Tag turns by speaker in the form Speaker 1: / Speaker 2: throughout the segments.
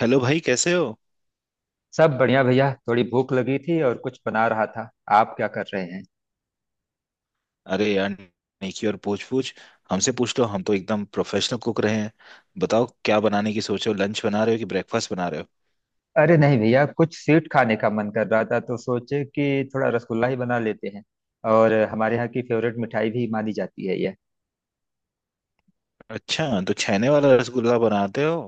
Speaker 1: Hello भाई, कैसे हो।
Speaker 2: सब बढ़िया भैया, थोड़ी भूख लगी थी और कुछ बना रहा था। आप क्या कर रहे हैं?
Speaker 1: अरे यार, नेकी और पूछ पूछ। हमसे पूछ लो, हम तो एकदम प्रोफेशनल कुक रहे हैं। बताओ क्या बनाने की सोचो, लंच बना रहे हो कि ब्रेकफास्ट बना रहे हो।
Speaker 2: अरे नहीं भैया, कुछ स्वीट खाने का मन कर रहा था तो सोचे कि थोड़ा रसगुल्ला ही बना लेते हैं। और हमारे यहाँ की फेवरेट मिठाई भी मानी जाती है यह।
Speaker 1: अच्छा, तो छेने वाला रसगुल्ला बनाते हो।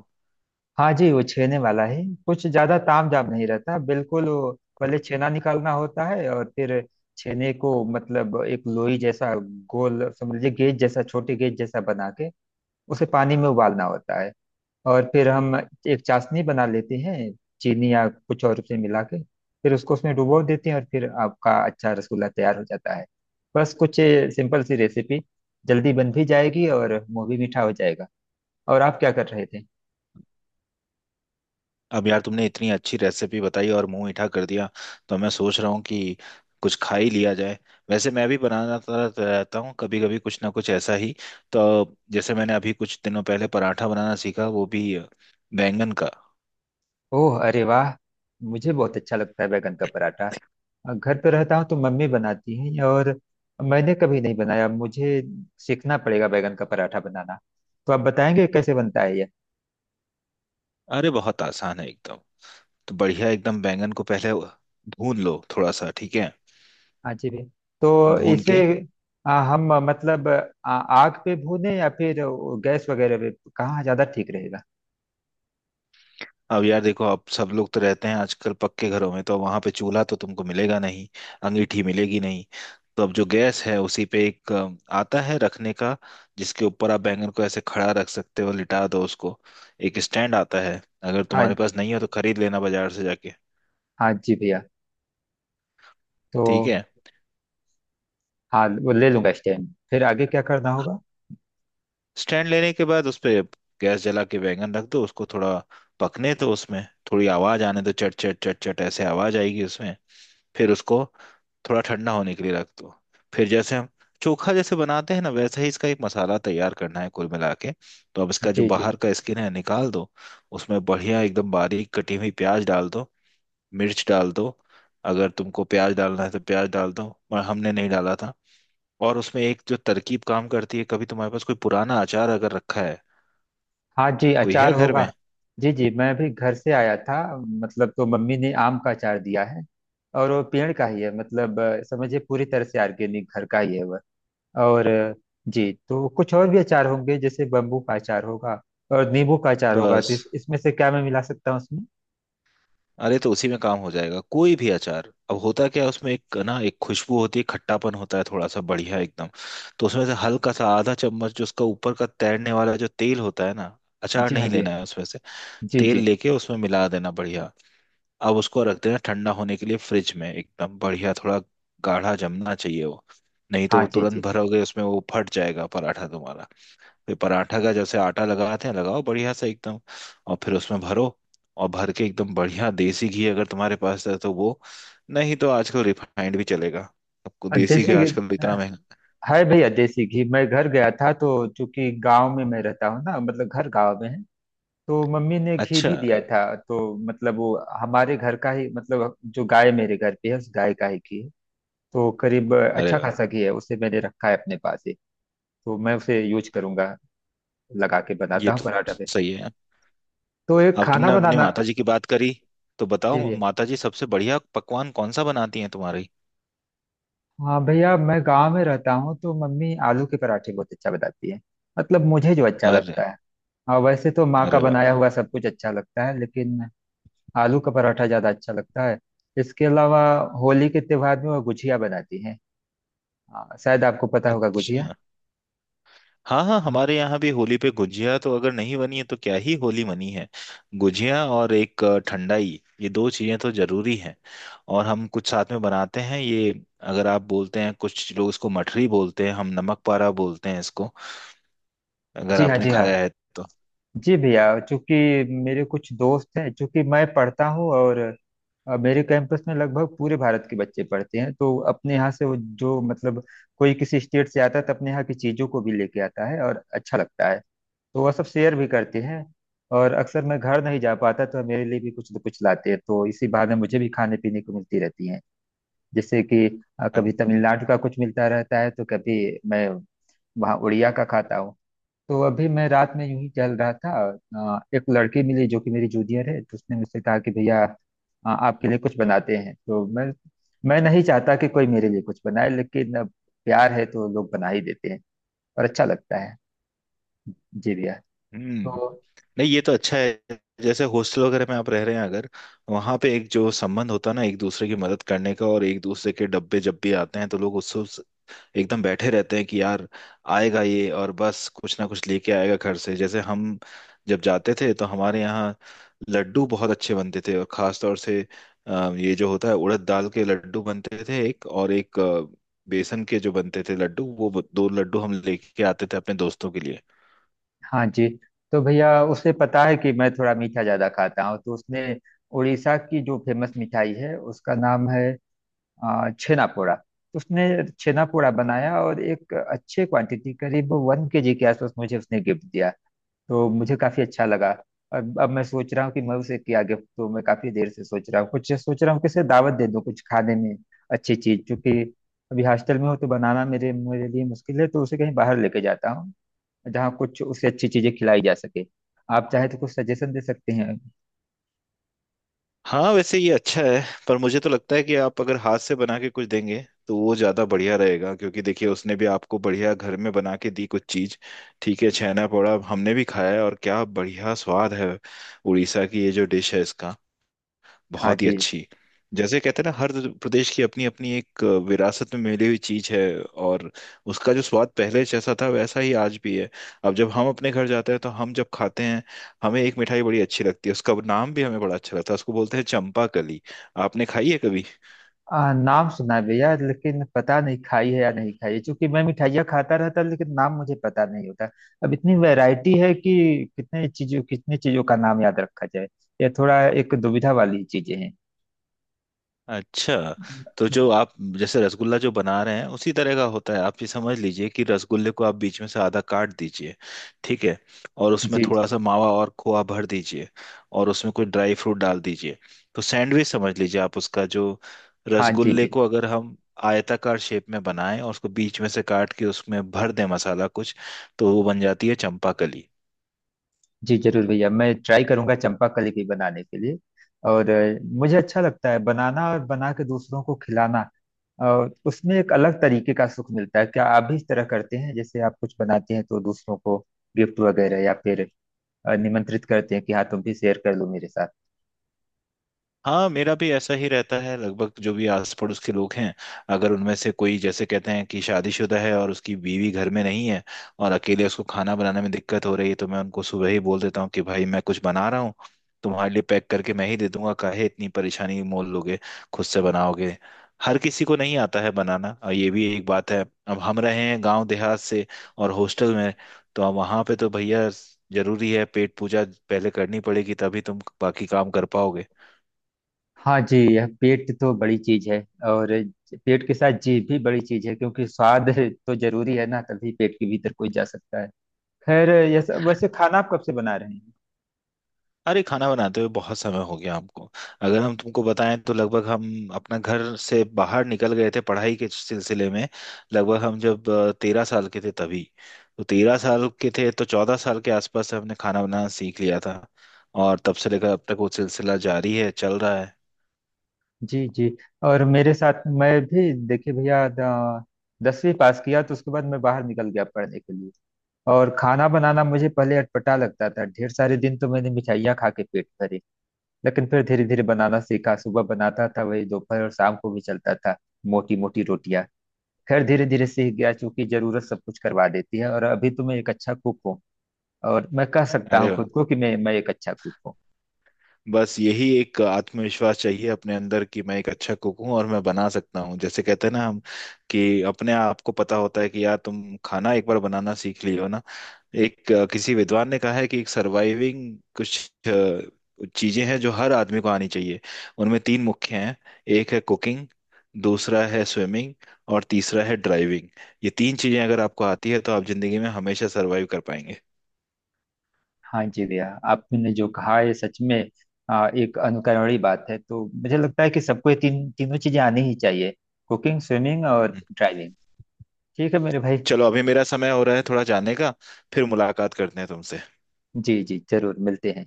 Speaker 2: हाँ जी, वो छेने वाला है, कुछ ज्यादा ताम झाम नहीं रहता बिल्कुल वो। पहले छेना निकालना होता है और फिर छेने को मतलब एक लोई जैसा गोल समझ लीजिए, गेज जैसा, छोटे गेज जैसा बना के उसे पानी में उबालना होता है। और फिर हम एक चाशनी बना लेते हैं, चीनी या कुछ और से मिला के। फिर उसको उसमें डुबो देते हैं और फिर आपका अच्छा रसगुल्ला तैयार हो जाता है। बस कुछ सिंपल सी रेसिपी। जल्दी बन भी जाएगी और मुंह भी मीठा हो जाएगा। और आप क्या कर रहे थे?
Speaker 1: अब यार तुमने इतनी अच्छी रेसिपी बताई और मुंह मीठा कर दिया, तो मैं सोच रहा हूँ कि कुछ खा ही लिया जाए। वैसे मैं भी बनाना तो रहता हूँ, कभी कभी कुछ ना कुछ ऐसा ही। तो जैसे मैंने अभी कुछ दिनों पहले पराठा बनाना सीखा, वो भी बैंगन का।
Speaker 2: ओह, अरे वाह। मुझे बहुत अच्छा लगता है बैगन का पराठा। घर पे रहता हूँ तो मम्मी बनाती है, और मैंने कभी नहीं बनाया। मुझे सीखना पड़ेगा बैगन का पराठा बनाना। तो आप बताएंगे कैसे बनता है?
Speaker 1: अरे बहुत आसान है एकदम। तो बढ़िया एकदम, बैंगन को पहले भून लो थोड़ा सा, ठीक है।
Speaker 2: हाँ जी भी। तो
Speaker 1: भून
Speaker 2: इसे
Speaker 1: के,
Speaker 2: हम मतलब आग पे भूनें या फिर वो गैस वगैरह पे? कहाँ ज़्यादा ठीक रहेगा?
Speaker 1: अब यार देखो, अब सब लोग तो रहते हैं आजकल पक्के घरों में, तो वहां पे चूल्हा तो तुमको मिलेगा नहीं, अंगीठी मिलेगी नहीं। तो अब जो गैस है, उसी पे एक आता है रखने का, जिसके ऊपर आप बैंगन को ऐसे खड़ा रख सकते हो, लिटा दो उसको। एक स्टैंड आता है, अगर
Speaker 2: हाँ।
Speaker 1: तुम्हारे पास नहीं हो तो खरीद लेना बाजार से जाके।
Speaker 2: हाँ जी भैया। तो
Speaker 1: ठीक है,
Speaker 2: हाँ, वो ले लूँगा स्टैंड। फिर आगे क्या करना होगा?
Speaker 1: स्टैंड लेने के बाद उस पे गैस जला के बैंगन रख दो, उसको थोड़ा पकने दो उसमें। थोड़ी आवाज आने दो, चट चट चट चट ऐसे आवाज आएगी उसमें। फिर उसको थोड़ा ठंडा होने के लिए रख दो। फिर जैसे हम चोखा जैसे बनाते हैं ना, वैसे ही इसका एक मसाला तैयार करना है कुल मिला के। तो अब इसका जो
Speaker 2: जी जी।
Speaker 1: बाहर का स्किन है निकाल दो। उसमें बढ़िया एकदम बारीक कटी हुई प्याज डाल दो, मिर्च डाल दो। अगर तुमको प्याज डालना है तो प्याज डाल दो, पर हमने नहीं डाला था। और उसमें एक जो तरकीब काम करती है, कभी तुम्हारे पास कोई पुराना अचार अगर रखा है,
Speaker 2: हाँ जी,
Speaker 1: कोई
Speaker 2: अचार
Speaker 1: है घर
Speaker 2: होगा।
Speaker 1: में।
Speaker 2: जी जी, मैं भी घर से आया था मतलब, तो मम्मी ने आम का अचार दिया है। और वो पेड़ का ही है मतलब, समझिए, पूरी तरह से ऑर्गेनिक, घर का ही है वह। और जी, तो कुछ और भी अचार होंगे, जैसे बम्बू का अचार होगा और नींबू का अचार होगा। तो
Speaker 1: बस,
Speaker 2: इसमें से क्या मैं मिला सकता हूँ उसमें?
Speaker 1: अरे तो उसी में काम हो जाएगा। कोई भी अचार, अब होता क्या है उसमें, एक ना एक खुशबू होती है, खट्टापन होता है थोड़ा सा, बढ़िया एकदम। तो उसमें से हल्का सा आधा चम्मच, जो उसका ऊपर का तैरने वाला जो तेल होता है ना, अचार
Speaker 2: जी हाँ
Speaker 1: नहीं
Speaker 2: जी।
Speaker 1: लेना है उसमें से,
Speaker 2: जी
Speaker 1: तेल
Speaker 2: जी जी,
Speaker 1: लेके उसमें मिला देना बढ़िया। अब उसको रख देना ठंडा होने के लिए फ्रिज में एकदम बढ़िया, थोड़ा गाढ़ा जमना चाहिए वो। नहीं तो
Speaker 2: हाँ
Speaker 1: वो
Speaker 2: जी
Speaker 1: तुरंत
Speaker 2: जी।
Speaker 1: भरोगे उसमें, वो फट जाएगा पराठा तुम्हारा। फिर पराठा का जैसे आटा लगाते हैं लगाओ बढ़िया से एकदम, और फिर उसमें भरो। और भर के एकदम बढ़िया देसी घी अगर तुम्हारे पास है तो वो, नहीं तो आजकल रिफाइंड भी चलेगा। आपको
Speaker 2: और
Speaker 1: देसी घी
Speaker 2: देसी घी,
Speaker 1: आजकल इतना
Speaker 2: अ,
Speaker 1: महंगा।
Speaker 2: है भैया, देसी घी। मैं घर गया था तो, चूंकि गांव में मैं रहता हूँ ना, मतलब घर गांव में है, तो मम्मी ने घी
Speaker 1: अच्छा,
Speaker 2: भी दिया था। तो मतलब वो हमारे घर का ही, मतलब जो गाय मेरे घर पे है, उस गाय का ही घी है। तो करीब
Speaker 1: अरे
Speaker 2: अच्छा
Speaker 1: वाह,
Speaker 2: खासा घी है, उसे मैंने रखा है अपने पास ही। तो मैं उसे यूज करूंगा, लगा के
Speaker 1: ये
Speaker 2: बनाता हूँ
Speaker 1: तो
Speaker 2: पराठा।
Speaker 1: सही है।
Speaker 2: तो एक
Speaker 1: अब
Speaker 2: खाना
Speaker 1: तुमने अपनी
Speaker 2: बनाना।
Speaker 1: माता जी की बात करी, तो
Speaker 2: जी
Speaker 1: बताओ
Speaker 2: भैया।
Speaker 1: माता जी सबसे बढ़िया पकवान कौन सा बनाती हैं तुम्हारी।
Speaker 2: हाँ भैया, मैं गांव में रहता हूँ तो मम्मी आलू के पराठे बहुत अच्छा बताती है, मतलब मुझे जो अच्छा
Speaker 1: अरे।
Speaker 2: लगता है। हाँ, वैसे तो माँ का
Speaker 1: अरे
Speaker 2: बनाया
Speaker 1: वाह।
Speaker 2: हुआ सब कुछ अच्छा लगता है, लेकिन आलू का पराठा ज़्यादा अच्छा लगता है। इसके अलावा होली के त्योहार में वो गुजिया बनाती है। हाँ, शायद आपको पता होगा गुजिया।
Speaker 1: अच्छा। हाँ हाँ,
Speaker 2: हाँ,
Speaker 1: हमारे यहाँ भी होली पे गुजिया तो अगर नहीं बनी है तो क्या ही होली बनी है। गुजिया और एक ठंडाई, ये दो चीजें तो जरूरी हैं। और हम कुछ साथ में बनाते हैं ये, अगर आप बोलते हैं, कुछ लोग इसको मठरी बोलते हैं, हम नमक पारा बोलते हैं इसको। अगर
Speaker 2: जी हाँ
Speaker 1: आपने
Speaker 2: जी हाँ।
Speaker 1: खाया है तो
Speaker 2: जी भैया, चूंकि मेरे कुछ दोस्त हैं, चूंकि मैं पढ़ता हूँ, और मेरे कैंपस में लगभग पूरे भारत के बच्चे पढ़ते हैं। तो अपने यहाँ से वो जो मतलब, कोई किसी स्टेट से आता है तो अपने यहाँ की चीज़ों को भी लेके आता है और अच्छा लगता है। तो वह सब शेयर भी करते हैं। और अक्सर मैं घर नहीं जा पाता तो मेरे लिए भी कुछ न कुछ लाते हैं, तो इसी बहाने मुझे भी खाने पीने को मिलती रहती है। जैसे कि कभी तमिलनाडु का कुछ मिलता रहता है, तो कभी मैं वहाँ उड़िया का खाता हूँ। तो अभी मैं रात में यूं ही चल रहा था, एक लड़की मिली जो कि मेरी जूनियर है, तो उसने मुझसे कहा कि भैया आपके लिए कुछ बनाते हैं। तो मैं नहीं चाहता कि कोई मेरे लिए कुछ बनाए, लेकिन अब प्यार है तो लोग बना ही देते हैं। और अच्छा लगता है। जी भैया।
Speaker 1: हम्म
Speaker 2: तो
Speaker 1: नहीं, ये तो अच्छा है, जैसे हॉस्टल वगैरह में आप रह रहे हैं अगर, वहां पे एक जो संबंध होता है ना एक दूसरे की मदद करने का, और एक दूसरे के डब्बे जब भी आते हैं तो लोग उससे एकदम बैठे रहते हैं कि यार आएगा ये, और बस कुछ ना कुछ लेके आएगा घर से। जैसे हम जब जाते थे तो हमारे यहाँ लड्डू बहुत अच्छे बनते थे, और खास तौर से ये जो होता है उड़द दाल के लड्डू बनते थे, एक और एक बेसन के जो बनते थे लड्डू, वो दो लड्डू हम लेके आते थे अपने दोस्तों के लिए।
Speaker 2: हाँ जी। तो भैया, उसे पता है कि मैं थोड़ा मीठा ज्यादा खाता हूँ, तो उसने उड़ीसा की जो फेमस मिठाई है, उसका नाम है छेना पोड़ा, तो उसने छेना पोड़ा बनाया और एक अच्छे क्वांटिटी करीब 1 kg के आसपास मुझे उसने गिफ्ट दिया। तो मुझे काफी अच्छा लगा। और अब मैं सोच रहा हूँ कि मैं उसे क्या गिफ्ट दूँ। मैं काफी देर से सोच रहा हूँ, कुछ सोच रहा हूँ कि उसे दावत दे दूँ कुछ खाने में अच्छी चीज, क्योंकि अभी हॉस्टल में हो तो बनाना मेरे मेरे लिए मुश्किल है, तो उसे कहीं बाहर लेके जाता हूँ जहाँ कुछ उसे अच्छी चीजें खिलाई जा सके। आप चाहे तो कुछ सजेशन दे सकते हैं।
Speaker 1: हाँ वैसे ये अच्छा है, पर मुझे तो लगता है कि आप अगर हाथ से बना के कुछ देंगे तो वो ज्यादा बढ़िया रहेगा, क्योंकि देखिए उसने भी आपको बढ़िया घर में बना के दी कुछ चीज। ठीक है, छैना पोड़ा हमने भी खाया है और क्या बढ़िया स्वाद है, उड़ीसा की ये जो डिश है इसका,
Speaker 2: हाँ
Speaker 1: बहुत ही
Speaker 2: जी।
Speaker 1: अच्छी। जैसे कहते हैं ना, हर प्रदेश की अपनी अपनी एक विरासत में मिली हुई चीज है, और उसका जो स्वाद पहले जैसा था वैसा ही आज भी है। अब जब हम अपने घर जाते हैं तो हम जब खाते हैं, हमें एक मिठाई बड़ी अच्छी लगती है, उसका नाम भी हमें बड़ा अच्छा लगता है, उसको बोलते हैं चंपा कली। आपने खाई है कभी।
Speaker 2: नाम सुना है भैया, लेकिन पता नहीं खाई है या नहीं खाई है, क्योंकि मैं मिठाइयाँ खाता रहता लेकिन नाम मुझे पता नहीं होता। अब इतनी वैरायटी है कि कितने चीजों, कितनी चीजों का नाम याद रखा जाए। यह थोड़ा एक दुविधा वाली चीजें हैं।
Speaker 1: अच्छा, तो जो आप जैसे रसगुल्ला जो बना रहे हैं उसी तरह का होता है। आप ये समझ लीजिए कि रसगुल्ले को आप बीच में से आधा काट दीजिए, ठीक है, और उसमें
Speaker 2: जी जी।
Speaker 1: थोड़ा सा मावा और खोआ भर दीजिए। और उसमें कोई ड्राई फ्रूट डाल दीजिए। तो सैंडविच समझ लीजिए आप उसका जो,
Speaker 2: हाँ जी।
Speaker 1: रसगुल्ले
Speaker 2: जी
Speaker 1: को अगर हम आयताकार शेप में बनाएं और उसको बीच में से काट के उसमें भर दें मसाला कुछ, तो वो बन जाती है चंपाकली।
Speaker 2: जी जरूर भैया, मैं ट्राई करूंगा चंपा कली की बनाने के लिए। और मुझे अच्छा लगता है बनाना और बना के दूसरों को खिलाना, और उसमें एक अलग तरीके का सुख मिलता है। क्या आप भी इस तरह करते हैं? जैसे आप कुछ बनाते हैं तो दूसरों को गिफ्ट वगैरह, या फिर निमंत्रित करते हैं कि हाँ तुम भी शेयर कर लो मेरे साथ।
Speaker 1: हाँ, मेरा भी ऐसा ही रहता है, लगभग जो भी आस पड़ोस के लोग हैं, अगर उनमें से कोई जैसे कहते हैं कि शादीशुदा है और उसकी बीवी घर में नहीं है, और अकेले उसको खाना बनाने में दिक्कत हो रही है, तो मैं उनको सुबह ही बोल देता हूँ कि भाई मैं कुछ बना रहा हूँ, तुम्हारे लिए पैक करके मैं ही दे दूंगा, काहे इतनी परेशानी मोल लोगे, खुद से बनाओगे। हर किसी को नहीं आता है बनाना, और ये भी एक बात है। अब हम रहे हैं गांव देहात से और हॉस्टल में, तो अब वहां पे तो भैया जरूरी है पेट पूजा पहले करनी पड़ेगी, तभी तुम बाकी काम कर पाओगे।
Speaker 2: हाँ जी, यह पेट तो बड़ी चीज है। और पेट के साथ जीभ भी बड़ी चीज है, क्योंकि स्वाद, तो जरूरी है ना, तभी पेट के भीतर कोई जा सकता है। खैर, यह सब वैसे खाना आप कब से बना रहे हैं?
Speaker 1: अरे खाना बनाते हुए बहुत समय हो गया हमको। अगर हम तुमको बताएं तो लगभग हम अपना घर से बाहर निकल गए थे पढ़ाई के सिलसिले में, लगभग हम जब 13 साल के थे तभी। तो 13 साल के थे तो 14 साल के आसपास हमने खाना बनाना सीख लिया था, और तब से लेकर अब तक वो सिलसिला जारी है, चल रहा है।
Speaker 2: जी जी। और मेरे साथ मैं भी देखिए भैया, 10वीं पास किया तो उसके बाद मैं बाहर निकल गया पढ़ने के लिए। और खाना बनाना मुझे पहले अटपटा लगता था, ढेर सारे दिन तो मैंने मिठाइयाँ खा के पेट भरे। लेकिन फिर धीरे धीरे बनाना सीखा, सुबह बनाता था वही दोपहर और शाम को भी चलता था, मोटी मोटी रोटियां। खैर, धीरे धीरे सीख गया, क्योंकि जरूरत सब कुछ करवा देती है। और अभी तो मैं एक अच्छा कुक हूँ, और मैं कह सकता
Speaker 1: अरे
Speaker 2: हूँ
Speaker 1: वाह,
Speaker 2: खुद को कि मैं एक अच्छा कुक हूँ।
Speaker 1: बस यही एक आत्मविश्वास चाहिए अपने अंदर कि मैं एक अच्छा कुक हूँ और मैं बना सकता हूँ। जैसे कहते हैं ना हम, कि अपने आप को पता होता है कि यार तुम खाना एक बार बनाना सीख लियो ना। एक किसी विद्वान ने कहा है कि एक सर्वाइविंग कुछ चीजें हैं जो हर आदमी को आनी चाहिए। उनमें तीन मुख्य हैं। एक है कुकिंग, दूसरा है स्विमिंग, और तीसरा है ड्राइविंग। ये तीन चीजें अगर आपको आती है तो आप जिंदगी में हमेशा सर्वाइव कर पाएंगे।
Speaker 2: हाँ जी भैया, आपने जो कहा ये सच में एक अनुकरणीय बात है। तो मुझे लगता है कि सबको ये तीन तीनों चीजें आनी ही चाहिए: कुकिंग, स्विमिंग और
Speaker 1: हम्म,
Speaker 2: ड्राइविंग। ठीक है मेरे भाई।
Speaker 1: चलो अभी मेरा समय हो रहा है थोड़ा जाने का, फिर मुलाकात करते हैं तुमसे।
Speaker 2: जी जी, जरूर मिलते हैं।